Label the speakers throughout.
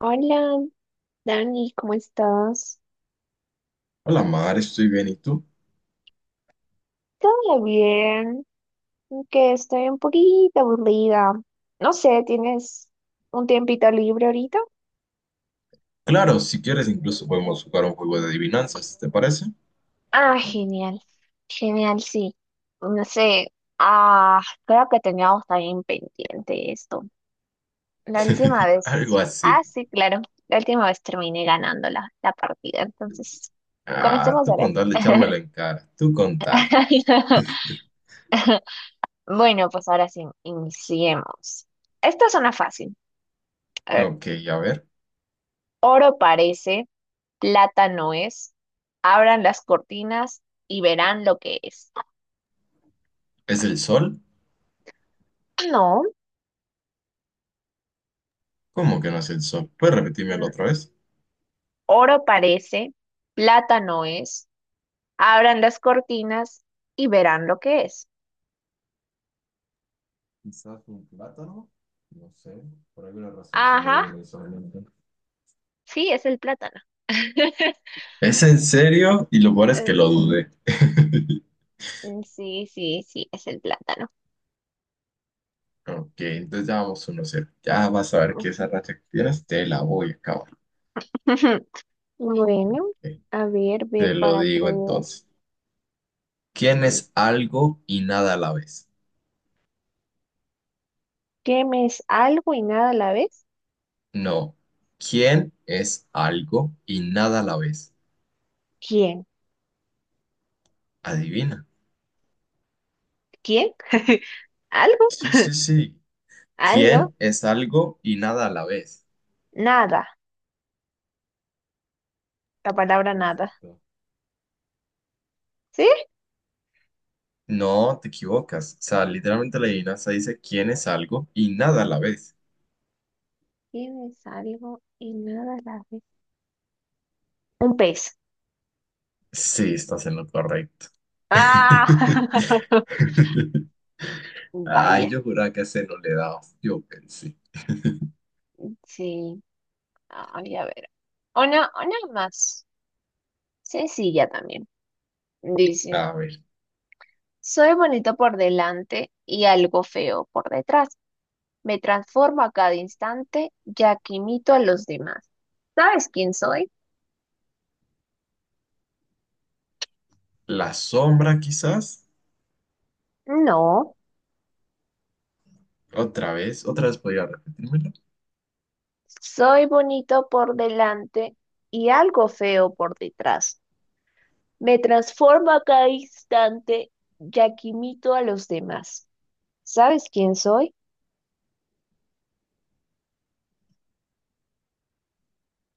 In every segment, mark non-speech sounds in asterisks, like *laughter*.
Speaker 1: Hola, Dani, ¿cómo estás?
Speaker 2: Hola Mar, estoy bien, ¿y tú?
Speaker 1: Todo bien, aunque estoy un poquito aburrida. No sé, ¿tienes un tiempito libre ahorita?
Speaker 2: Claro, si quieres incluso podemos jugar un juego de adivinanzas, ¿te parece?
Speaker 1: Ah, genial, genial, sí. Pues no sé, creo que teníamos también pendiente esto. La última
Speaker 2: *laughs* Algo
Speaker 1: vez,
Speaker 2: así.
Speaker 1: sí, claro, la última vez terminé ganando la partida, entonces,
Speaker 2: Ah,
Speaker 1: comencemos
Speaker 2: tú
Speaker 1: ahora.
Speaker 2: con tal de
Speaker 1: *laughs*
Speaker 2: echármela en cara, tú con tal.
Speaker 1: *laughs* Bueno, pues ahora sí, iniciemos. Esta es una fácil. A ver,
Speaker 2: Ok, a ver,
Speaker 1: oro parece, plata no es. Abran las cortinas y verán lo que es. *clears throat*
Speaker 2: ¿es el sol?
Speaker 1: Ah, no,
Speaker 2: ¿Cómo que no es el sol? ¿Puedes repetírmelo
Speaker 1: mm,
Speaker 2: otra vez?
Speaker 1: oro parece, plata no es. Abran las cortinas y verán lo que es.
Speaker 2: Quizás un plátano, no sé, por alguna razón se me
Speaker 1: Ajá,
Speaker 2: viene eso a la mente.
Speaker 1: sí, es el plátano. *laughs*
Speaker 2: ¿Es en serio? Y lo peor es que lo
Speaker 1: Es-
Speaker 2: dudé. *laughs*
Speaker 1: mm, sí, sí, sí, es el plátano.
Speaker 2: Ok, entonces ya vamos uno cero. Ya vas a ver que esa racha que tienes te la voy a acabar.
Speaker 1: *laughs* Bueno,
Speaker 2: Ok,
Speaker 1: a ver, ver
Speaker 2: te lo
Speaker 1: para
Speaker 2: digo
Speaker 1: creer.
Speaker 2: entonces. ¿Quién es algo y nada a la vez?
Speaker 1: ¿Qué me es algo y nada a la vez?
Speaker 2: No. ¿Quién es algo y nada a la vez?
Speaker 1: ¿Quién?
Speaker 2: Adivina.
Speaker 1: ¿Quién? *laughs* ¿Algo?
Speaker 2: Sí,
Speaker 1: *laughs*
Speaker 2: sí, sí.
Speaker 1: ¿Algo?
Speaker 2: ¿Quién es algo y nada a la vez?
Speaker 1: Nada, la palabra
Speaker 2: Sí,
Speaker 1: nada.
Speaker 2: exacto.
Speaker 1: ¿Sí?
Speaker 2: No, te equivocas. O sea, literalmente la adivinanza dice quién es algo y nada a la vez.
Speaker 1: Tienes algo y nada a la ve. Un pez.
Speaker 2: Sí, estás en lo correcto.
Speaker 1: Ah, *laughs*
Speaker 2: *laughs* Ay,
Speaker 1: vaya.
Speaker 2: yo juraba que ese no le daba. Yo pensé.
Speaker 1: Sí. Ay, a ver. Una más sencilla también. Dice,
Speaker 2: A ver,
Speaker 1: soy bonito por delante y algo feo por detrás. Me transformo a cada instante, ya que imito a los demás. ¿Sabes quién soy?
Speaker 2: la sombra quizás.
Speaker 1: No,
Speaker 2: Otra vez podría repetirme.
Speaker 1: soy bonito por delante y algo feo por detrás. Me transformo a cada instante, ya que imito a los demás. ¿Sabes quién soy?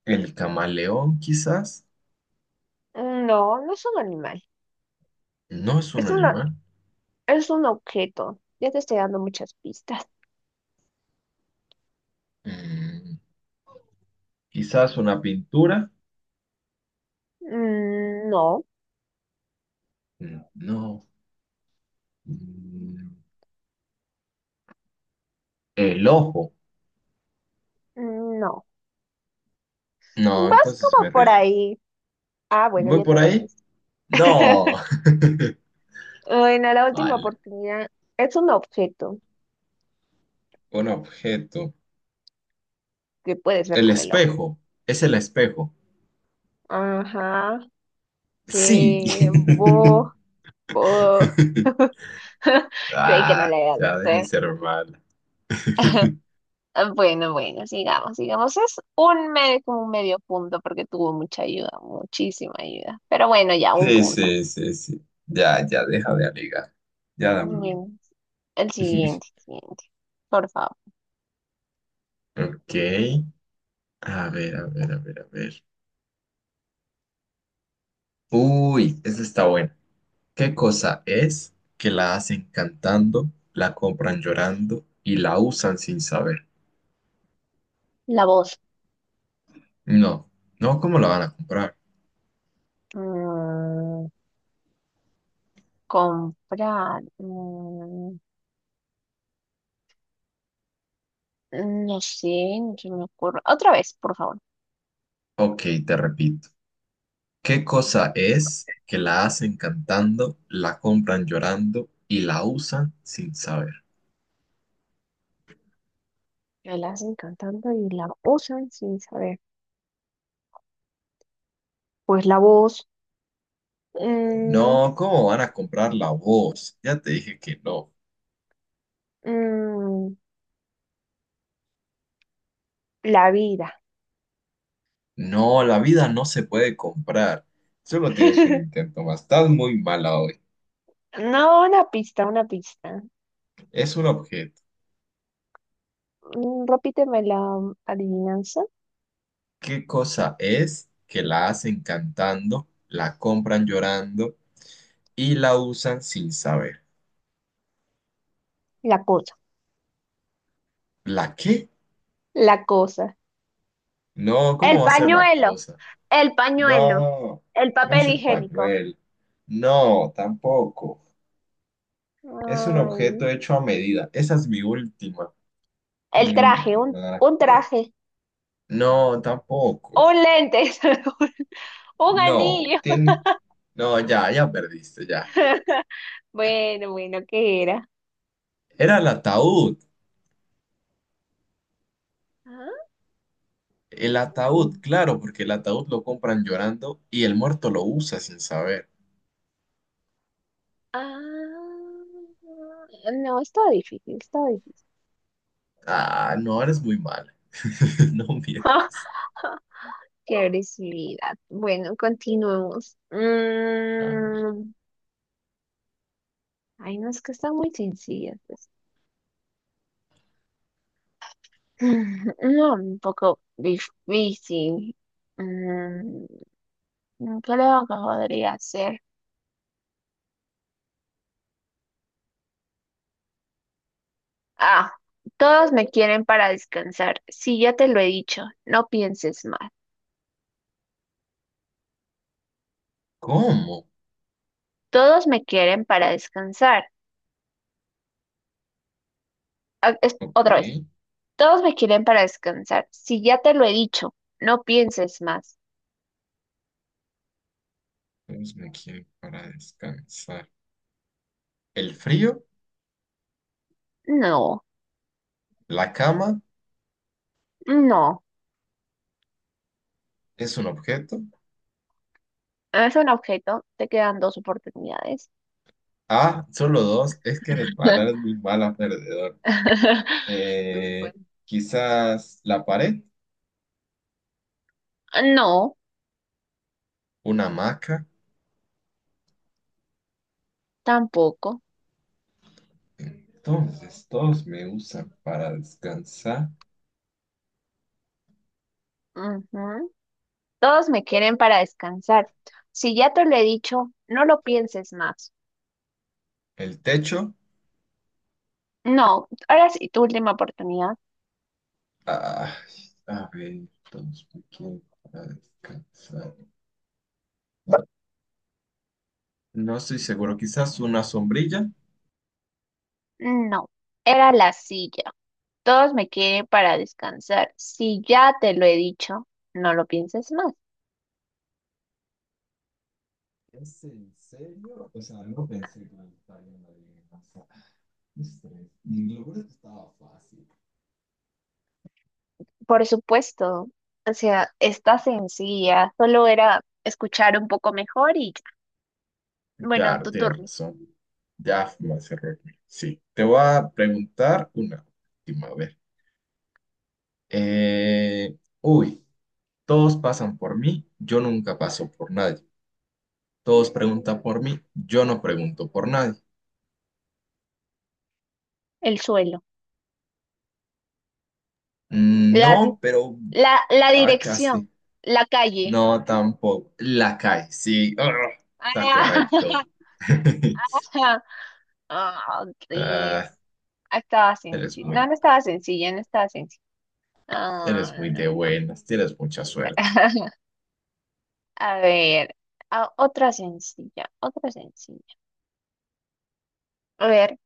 Speaker 2: El camaleón quizás
Speaker 1: Mm, no, no es un animal.
Speaker 2: no es un
Speaker 1: Es una,
Speaker 2: animal.
Speaker 1: es un objeto. Ya te estoy dando muchas pistas.
Speaker 2: Mm, quizás una pintura.
Speaker 1: Mm, no,
Speaker 2: Mm, no. Mm, el ojo.
Speaker 1: mm, no.
Speaker 2: No,
Speaker 1: Vas
Speaker 2: entonces me
Speaker 1: como por
Speaker 2: rindo.
Speaker 1: ahí. Ah, bueno,
Speaker 2: ¿Voy
Speaker 1: ya te
Speaker 2: por ahí?
Speaker 1: rendiste.
Speaker 2: No. *laughs*
Speaker 1: *laughs* Bueno, la última
Speaker 2: Vale.
Speaker 1: oportunidad es un objeto
Speaker 2: Un objeto.
Speaker 1: que puedes ver
Speaker 2: El
Speaker 1: con el ojo.
Speaker 2: espejo. Es el espejo.
Speaker 1: Ajá,
Speaker 2: Sí.
Speaker 1: sí,
Speaker 2: *laughs*
Speaker 1: bo, bo. *laughs* Creí que no le
Speaker 2: Ah,
Speaker 1: había dado
Speaker 2: ya deja de
Speaker 1: fe.
Speaker 2: ser mal.
Speaker 1: *laughs*
Speaker 2: *laughs*
Speaker 1: Ah, bueno, bueno, sigamos, sigamos. Es un medio, como un medio punto porque tuvo mucha ayuda, muchísima ayuda. Pero bueno, ya, un
Speaker 2: Sí,
Speaker 1: punto.
Speaker 2: sí, sí, sí. Ya, ya deja de alegar. Ya dame.
Speaker 1: Bueno, el
Speaker 2: *laughs*
Speaker 1: siguiente, siguiente. Por favor.
Speaker 2: Ok. A ver. Uy, esa está buena. ¿Qué cosa es que la hacen cantando, la compran llorando y la usan sin saber?
Speaker 1: La voz.
Speaker 2: No, no, ¿cómo la van a comprar?
Speaker 1: Mm, comprar. Mm, no sé, no se me ocurre. Otra vez, por favor.
Speaker 2: Ok, te repito. ¿Qué cosa es que la hacen cantando, la compran llorando y la usan sin saber?
Speaker 1: Me la hacen cantando y la usan sin saber. Pues la voz, mm,
Speaker 2: No, ¿cómo van a comprar la voz? Ya te dije que no.
Speaker 1: mm, la vida.
Speaker 2: No, la vida no se puede comprar. Solo tienes un
Speaker 1: *laughs*
Speaker 2: intento más. Estás muy mala hoy.
Speaker 1: No, una pista, una pista.
Speaker 2: Es un objeto.
Speaker 1: Repíteme la adivinanza.
Speaker 2: ¿Qué cosa es que la hacen cantando, la compran llorando y la usan sin saber?
Speaker 1: La cosa.
Speaker 2: ¿La qué?
Speaker 1: La cosa.
Speaker 2: No,
Speaker 1: El
Speaker 2: ¿cómo va a ser la
Speaker 1: pañuelo,
Speaker 2: cosa?
Speaker 1: el pañuelo,
Speaker 2: No,
Speaker 1: el
Speaker 2: no es
Speaker 1: papel
Speaker 2: el
Speaker 1: higiénico.
Speaker 2: pañuelo. No, tampoco. Es un
Speaker 1: Ay,
Speaker 2: objeto hecho a medida. Esa es mi última.
Speaker 1: el
Speaker 2: Mi
Speaker 1: traje, un,
Speaker 2: última.
Speaker 1: un traje,
Speaker 2: No, tampoco.
Speaker 1: un lente, *laughs* un
Speaker 2: No,
Speaker 1: anillo.
Speaker 2: tiene. No, ya, ya perdiste, ya.
Speaker 1: *laughs* Bueno, bueno, ¿qué era?
Speaker 2: Era el ataúd.
Speaker 1: ¿Ah?
Speaker 2: El
Speaker 1: el-
Speaker 2: ataúd, claro, porque el ataúd lo compran llorando y el muerto lo usa sin saber.
Speaker 1: Ah, no, está difícil, está difícil.
Speaker 2: Ah, no, eres muy mala. *laughs* No mientas.
Speaker 1: *laughs* Qué agresividad. Bueno, continuemos.
Speaker 2: A ver.
Speaker 1: Ay, no, es que están muy sencillas. *laughs* Mm, no, un poco difícil. Mm, creo que podría ser. Ah, todos me quieren para descansar. Sí, ya te lo he dicho, no pienses más.
Speaker 2: ¿Cómo?
Speaker 1: Todos me quieren para descansar. Ah,
Speaker 2: Ok.
Speaker 1: otra vez, todos me quieren para descansar. Sí, ya te lo he dicho, no pienses más.
Speaker 2: Entonces me quiero para descansar. ¿El frío?
Speaker 1: No,
Speaker 2: ¿La cama?
Speaker 1: no.
Speaker 2: ¿Es un objeto?
Speaker 1: Es un objeto, te quedan dos oportunidades.
Speaker 2: Ah, solo dos. Es que eres mala, eres muy mala perdedor.
Speaker 1: *laughs*
Speaker 2: Eh,
Speaker 1: Bueno,
Speaker 2: Quizás la pared,
Speaker 1: no,
Speaker 2: una hamaca.
Speaker 1: tampoco.
Speaker 2: Entonces todos me usan para descansar.
Speaker 1: Ujú. Todos me quieren para descansar. Si ya te lo he dicho, no lo pienses más.
Speaker 2: El techo.
Speaker 1: No, ahora sí, tu última oportunidad.
Speaker 2: Ay, a ver, entonces, ¿por quién para descansar? No estoy seguro, quizás una sombrilla.
Speaker 1: No, era la silla. Todos me quieren para descansar. Si ya te lo he dicho, no lo pienses más.
Speaker 2: ¿Es en serio? O sea, no pensé que me estaría en la adivinanza. Qué estrés. Y lo bueno es que estaba fácil.
Speaker 1: Por supuesto, o sea, está sencilla. Solo era escuchar un poco mejor y ya. Bueno,
Speaker 2: Claro,
Speaker 1: tu
Speaker 2: tienes
Speaker 1: turno.
Speaker 2: razón. Ya fue más error. Sí, te voy a preguntar una última. A ver. Eh, uy, Todos pasan por mí, yo nunca paso por nadie. Todos preguntan por mí, yo no pregunto por nadie.
Speaker 1: El suelo.
Speaker 2: Mm,
Speaker 1: La, di-
Speaker 2: no, pero
Speaker 1: la
Speaker 2: va
Speaker 1: dirección.
Speaker 2: casi.
Speaker 1: La calle.
Speaker 2: No, tampoco. La cae, sí. Ah, está correcto.
Speaker 1: *laughs*
Speaker 2: *laughs*
Speaker 1: Ah, ah, sí.
Speaker 2: Ah,
Speaker 1: Ah, estaba
Speaker 2: eres
Speaker 1: sencilla.
Speaker 2: muy,
Speaker 1: No, no estaba sencilla, no estaba sencilla. Ah,
Speaker 2: eres muy
Speaker 1: no,
Speaker 2: de
Speaker 1: no, no,
Speaker 2: buenas, tienes mucha suerte.
Speaker 1: *laughs* A ver, otra sencilla, otra sencilla. A ver,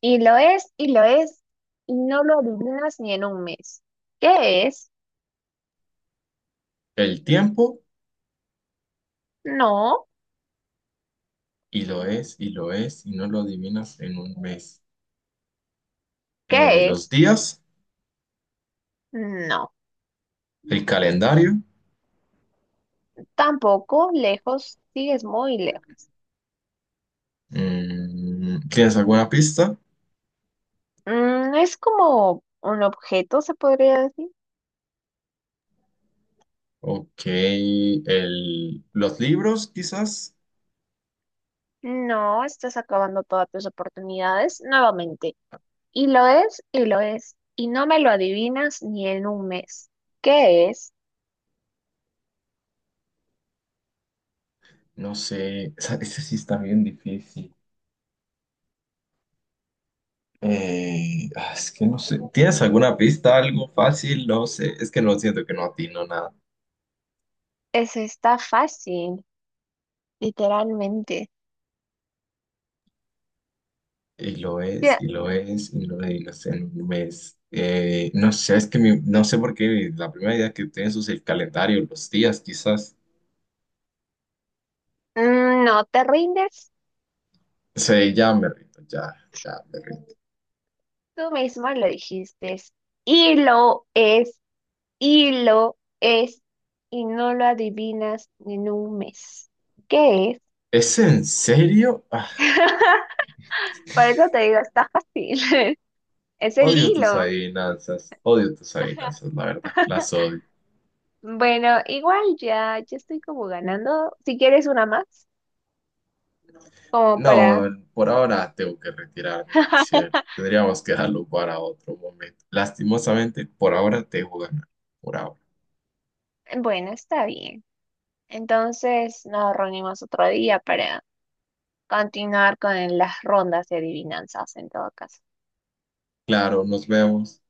Speaker 1: y lo es, y lo es, y no lo adivinas ni en un mes. ¿Qué es?
Speaker 2: El tiempo,
Speaker 1: No.
Speaker 2: y lo es, y lo es, y no lo adivinas en un mes.
Speaker 1: ¿Qué
Speaker 2: Los
Speaker 1: es?
Speaker 2: días,
Speaker 1: No.
Speaker 2: el calendario.
Speaker 1: Tampoco, lejos, sigues muy lejos.
Speaker 2: Mm, ¿tienes alguna pista?
Speaker 1: Es como un objeto, se podría decir.
Speaker 2: Ok, el, los libros, quizás.
Speaker 1: No, estás acabando todas tus oportunidades nuevamente. Y lo es, y lo es, y no me lo adivinas ni en un mes. ¿Qué es?
Speaker 2: No sé, *laughs* esa sí está bien difícil. Es que no sé. ¿Tienes alguna pista, algo fácil? No sé. Es que no siento que no atino nada.
Speaker 1: Está fácil, literalmente.
Speaker 2: Y lo es,
Speaker 1: Ya,
Speaker 2: y lo es, y lo es, y no sé, en un mes. No sé, es que no sé por qué la primera idea que tienes es el calendario, los días, quizás.
Speaker 1: no te rindes,
Speaker 2: Sí, ya me rindo, ya, ya me rindo.
Speaker 1: tú misma lo dijiste. Y lo es, y lo es, y no lo adivinas ni en un mes. ¿Qué es?
Speaker 2: ¿Es en serio? Ah,
Speaker 1: *laughs* Por eso te digo, está fácil. *laughs* Es el hilo.
Speaker 2: odio tus adivinanzas,
Speaker 1: *laughs*
Speaker 2: la verdad, las odio.
Speaker 1: Bueno, igual ya estoy como ganando. Si quieres una más, como
Speaker 2: No,
Speaker 1: para
Speaker 2: por ahora tengo que retirarme, Mariciel.
Speaker 1: *laughs*
Speaker 2: Tendríamos que dejarlo para otro momento. Lastimosamente, por ahora te dejo ganar. Por ahora.
Speaker 1: Bueno, está bien. Entonces nos reunimos otro día para continuar con las rondas de adivinanzas en todo caso.
Speaker 2: Claro, nos vemos.